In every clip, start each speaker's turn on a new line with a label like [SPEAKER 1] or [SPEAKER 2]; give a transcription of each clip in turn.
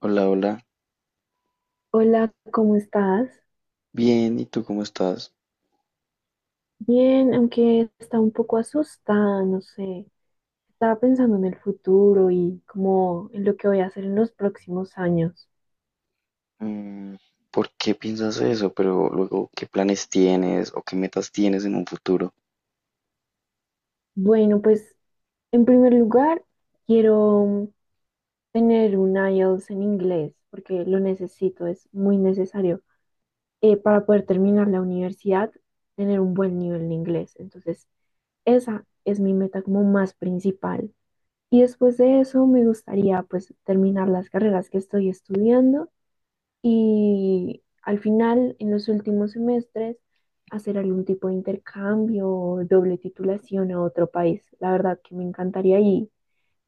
[SPEAKER 1] Hola, hola.
[SPEAKER 2] Hola, ¿cómo estás?
[SPEAKER 1] Bien, ¿y tú cómo estás?
[SPEAKER 2] Bien, aunque está un poco asustada, no sé. Estaba pensando en el futuro y como en lo que voy a hacer en los próximos años.
[SPEAKER 1] Mm, ¿Por qué piensas eso? Pero luego, ¿qué planes tienes o qué metas tienes en un futuro?
[SPEAKER 2] Bueno, pues en primer lugar, quiero tener un IELTS en inglés porque lo necesito, es muy necesario para poder terminar la universidad, tener un buen nivel de inglés. Entonces, esa es mi meta como más principal. Y después de eso me gustaría pues terminar las carreras que estoy estudiando y al final, en los últimos semestres, hacer algún tipo de intercambio o doble titulación a otro país. La verdad que me encantaría y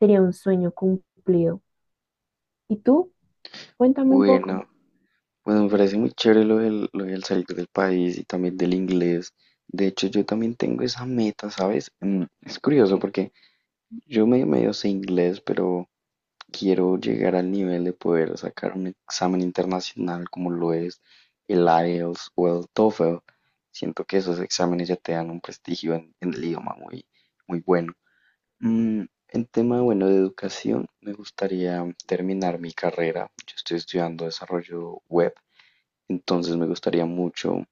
[SPEAKER 2] sería un sueño cumplido. ¿Y tú? Cuéntame un poco.
[SPEAKER 1] Bueno, bueno, me parece muy chévere lo del salir del país y también del inglés. De hecho, yo también tengo esa meta, ¿sabes? Mm, es curioso porque yo medio sé inglés, pero quiero llegar al nivel de poder sacar un examen internacional como lo es el IELTS o el TOEFL. Siento que esos exámenes ya te dan un prestigio en el idioma muy, muy bueno. En tema, bueno, de educación, me gustaría terminar mi carrera. Yo estoy estudiando desarrollo web, entonces me gustaría mucho,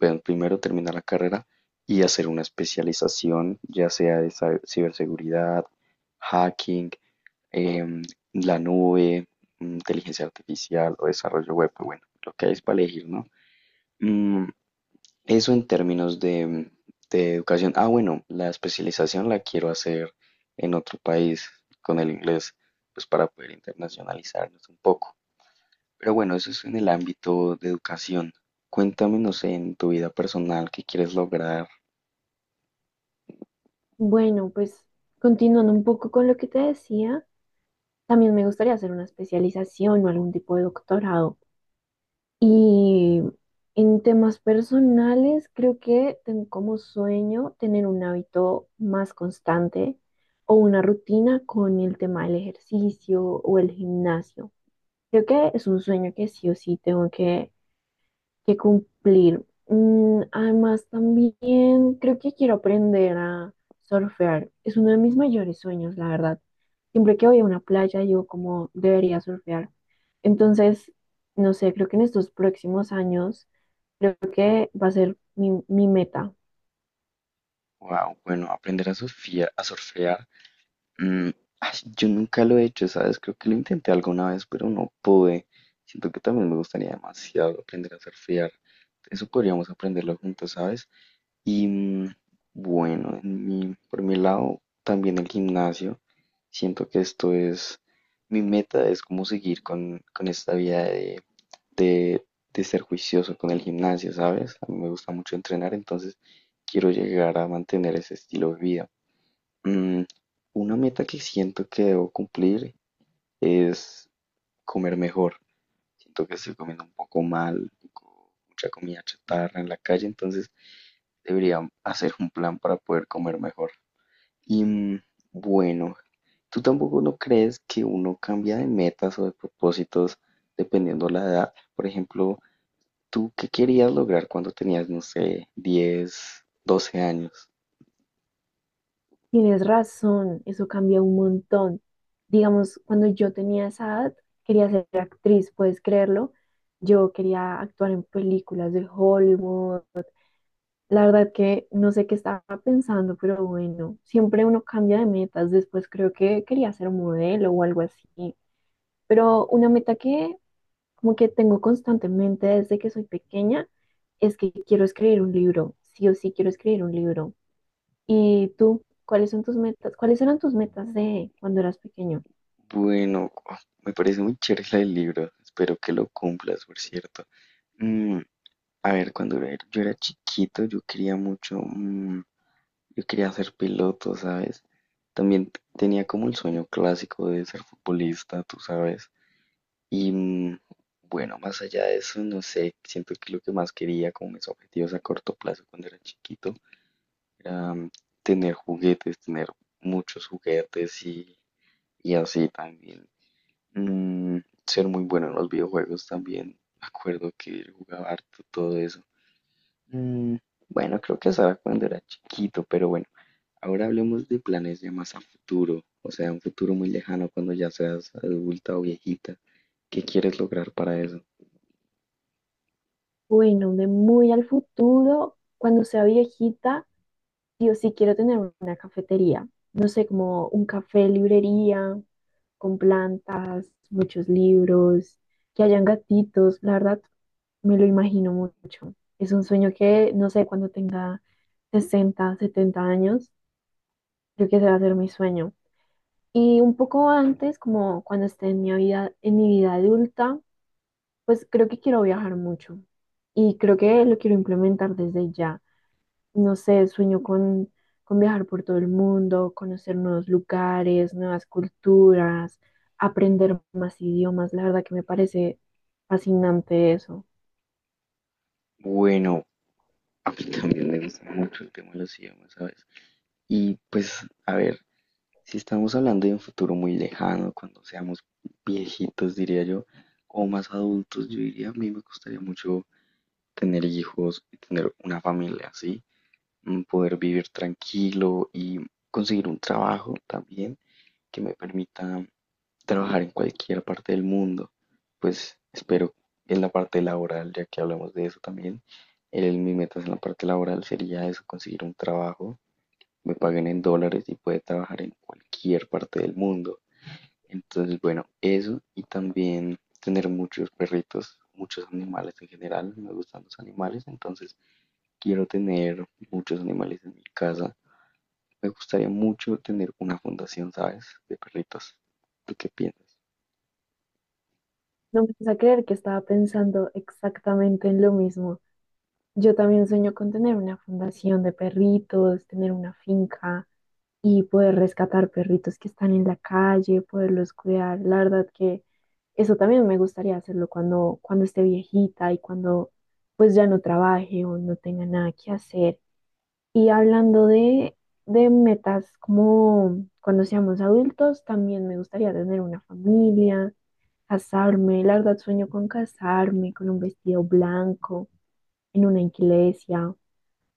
[SPEAKER 1] bueno, primero terminar la carrera y hacer una especialización, ya sea de ciberseguridad, hacking, em, la nube, inteligencia artificial o desarrollo web, pues bueno, lo que hay es para elegir, ¿no? Mm, Eso en términos de, de educación. Ah, bueno, la especialización la quiero hacer en otro país con el inglés, pues para poder internacionalizarnos un poco. Pero bueno, eso es en el ámbito de educación. Cuéntame, no sé, en tu vida personal, ¿qué quieres lograr?
[SPEAKER 2] Bueno, pues continuando un poco con lo que te decía, también me gustaría hacer una especialización o algún tipo de doctorado. Y en temas personales, creo que tengo como sueño tener un hábito más constante o una rutina con el tema del ejercicio o el gimnasio. Creo que es un sueño que sí o sí tengo que cumplir. Mm, además, también creo que quiero aprender a surfear. Es uno de mis mayores sueños, la verdad. Siempre que voy a una playa, digo como debería surfear. Entonces, no sé, creo que en estos próximos años, creo que va a ser mi meta.
[SPEAKER 1] Wow, bueno, aprender a surfear, a surfear. Mm, Ay, yo nunca lo he hecho, ¿sabes? Creo que lo intenté alguna vez, pero no pude. Siento que también me gustaría demasiado aprender a surfear. Eso podríamos aprenderlo juntos, ¿sabes? Y bueno, en por mi lado, también el gimnasio. Siento que esto es, mi meta es como seguir con esta vida de, de ser juicioso con el gimnasio, ¿sabes? A mí me gusta mucho entrenar, entonces quiero llegar a mantener ese estilo de vida. Mm, una meta que siento que debo cumplir es comer mejor. Siento que estoy comiendo un poco mal, mucha comida chatarra en la calle, entonces debería hacer un plan para poder comer mejor. Y bueno, ¿tú tampoco no crees que uno cambia de metas o de propósitos dependiendo la edad? Por ejemplo, ¿tú qué querías lograr cuando tenías, no sé, 10 12 años?
[SPEAKER 2] Tienes razón, eso cambia un montón. Digamos, cuando yo tenía esa edad, quería ser actriz, puedes creerlo. Yo quería actuar en películas de Hollywood. La verdad que no sé qué estaba pensando, pero bueno, siempre uno cambia de metas. Después creo que quería ser modelo o algo así. Pero una meta que como que tengo constantemente desde que soy pequeña es que quiero escribir un libro. Sí o sí quiero escribir un libro. ¿Y tú? ¿Cuáles son tus metas? ¿Cuáles eran tus metas de cuando eras pequeño?
[SPEAKER 1] Bueno, oh, me parece muy chévere la del libro. Espero que lo cumplas, por cierto. Mm, a ver, yo era chiquito, yo quería mucho, yo quería ser piloto, ¿sabes? También tenía como el sueño clásico de ser futbolista, tú sabes. Y bueno, más allá de eso, no sé, siento que lo que más quería, como mis objetivos a corto plazo cuando era chiquito, era tener juguetes, tener muchos juguetes y así también. Mm, Ser muy bueno en los videojuegos también. Me acuerdo que yo jugaba harto todo eso. Mm, bueno, creo que eso era cuando era chiquito, pero bueno. Ahora hablemos de planes ya más a futuro, o sea, un futuro muy lejano cuando ya seas adulta o viejita. ¿Qué quieres lograr para eso?
[SPEAKER 2] Bueno, de muy al futuro, cuando sea viejita, sí o sí quiero tener una cafetería. No sé, como un café, librería, con plantas, muchos libros, que hayan gatitos. La verdad, me lo imagino mucho. Es un sueño que, no sé, cuando tenga 60, 70 años, creo que ese va a ser mi sueño. Y un poco antes, como cuando esté en mi vida adulta, pues creo que quiero viajar mucho y creo que lo quiero implementar desde ya. No sé, sueño con viajar por todo el mundo, conocer nuevos lugares, nuevas culturas, aprender más idiomas. La verdad que me parece fascinante eso.
[SPEAKER 1] Bueno, a mí también me gusta mucho el tema de los idiomas, ¿sabes? Y pues, a ver, si estamos hablando de un futuro muy lejano, cuando seamos viejitos, diría yo, o más adultos, yo diría, a mí me gustaría mucho tener hijos, tener una familia, ¿sí? Mm, poder vivir tranquilo y conseguir un trabajo también que me permita trabajar en cualquier parte del mundo. Pues espero en la parte laboral, ya que hablamos de eso también, el, mi meta en la parte laboral sería eso, conseguir un trabajo, me paguen en dólares y poder trabajar en cualquier parte del mundo. Entonces, bueno, eso y también tener muchos perritos, muchos animales en general, me gustan los animales, entonces quiero tener muchos animales en mi casa. Me gustaría mucho tener una fundación, ¿sabes? De perritos. ¿Tú qué piensas?
[SPEAKER 2] No me vas a creer que estaba pensando exactamente en lo mismo. Yo también sueño con tener una fundación de perritos, tener una finca y poder rescatar perritos que están en la calle, poderlos cuidar. La verdad que eso también me gustaría hacerlo cuando esté viejita y cuando pues ya no trabaje o no tenga nada que hacer. Y hablando de metas como cuando seamos adultos, también me gustaría tener una familia, casarme. La verdad sueño con casarme, con un vestido blanco, en una iglesia.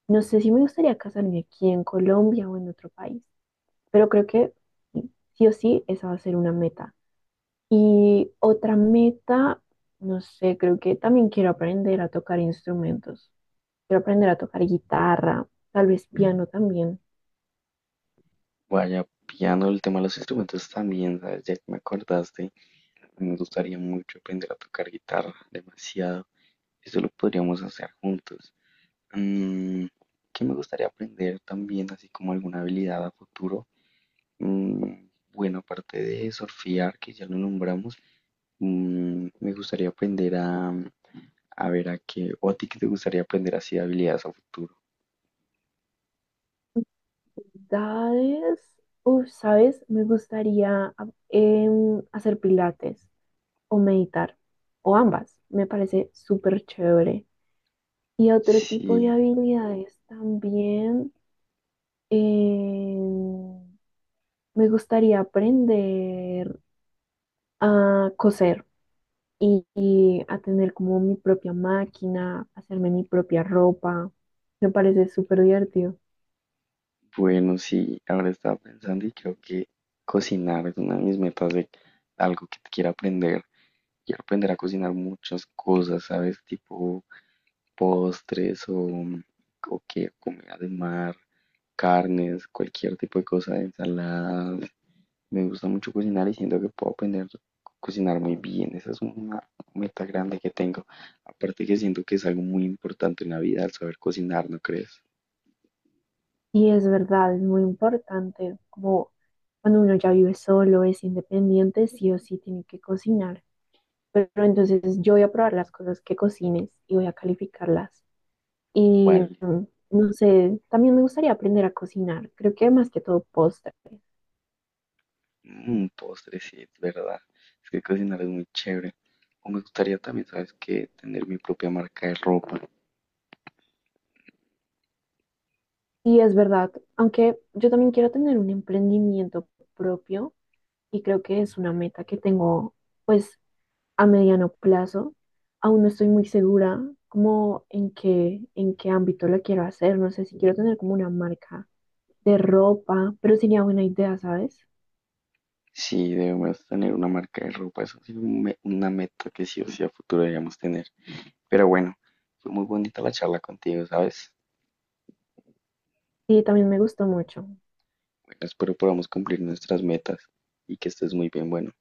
[SPEAKER 2] No sé si me gustaría casarme aquí en Colombia o en otro país, pero creo que sí o sí esa va a ser una meta. Y otra meta, no sé, creo que también quiero aprender a tocar instrumentos. Quiero aprender a tocar guitarra, tal vez piano también.
[SPEAKER 1] Vaya, pillando el tema de los instrumentos también, ¿sabes? Ya que me acordaste, me gustaría mucho aprender a tocar guitarra, demasiado. Eso lo podríamos hacer juntos. Mm, ¿Qué me gustaría aprender también, así como alguna habilidad a futuro? Mm, bueno, aparte de surfear, que ya lo nombramos, me gustaría aprender a ver, ¿a qué? ¿O a ti qué te gustaría aprender así de habilidades a futuro?
[SPEAKER 2] Habilidades, uf, ¿sabes? Me gustaría hacer pilates o meditar, o ambas. Me parece súper chévere. Y otro tipo de
[SPEAKER 1] Sí,
[SPEAKER 2] habilidades también, em, me gustaría aprender a coser y a tener como mi propia máquina, hacerme mi propia ropa. Me parece súper divertido.
[SPEAKER 1] bueno, sí, ahora estaba pensando y creo que cocinar es una de mis metas de algo que quiero aprender. Quiero aprender a cocinar muchas cosas, ¿sabes? Tipo postres o qué, comida de mar, carnes, cualquier tipo de cosa, ensaladas, me gusta mucho cocinar y siento que puedo aprender a cocinar muy bien. Esa es una meta grande que tengo. Aparte que siento que es algo muy importante en la vida el saber cocinar, ¿no crees?
[SPEAKER 2] Y es verdad, es muy importante, como cuando uno ya vive solo, es independiente, sí o sí tiene que cocinar. Pero entonces yo voy a probar las cosas que cocines y voy a calificarlas. Y
[SPEAKER 1] Vale,
[SPEAKER 2] no sé, también me gustaría aprender a cocinar, creo que más que todo postres.
[SPEAKER 1] un postre, sí, es verdad. Es que cocinar es muy chévere. O me gustaría también, ¿sabes qué? Tener mi propia marca de ropa.
[SPEAKER 2] Y es verdad, aunque yo también quiero tener un emprendimiento propio y creo que es una meta que tengo pues a mediano plazo. Aún no estoy muy segura como en en qué ámbito la quiero hacer. No sé si quiero tener como una marca de ropa, pero sería buena idea, ¿sabes?
[SPEAKER 1] Sí, debemos tener una marca de ropa. Eso es una meta que sí o sí a futuro deberíamos tener. Pero bueno, fue muy bonita la charla contigo, ¿sabes?
[SPEAKER 2] Sí, también me gustó mucho.
[SPEAKER 1] Bueno, espero podamos cumplir nuestras metas y que estés muy bien. Bueno.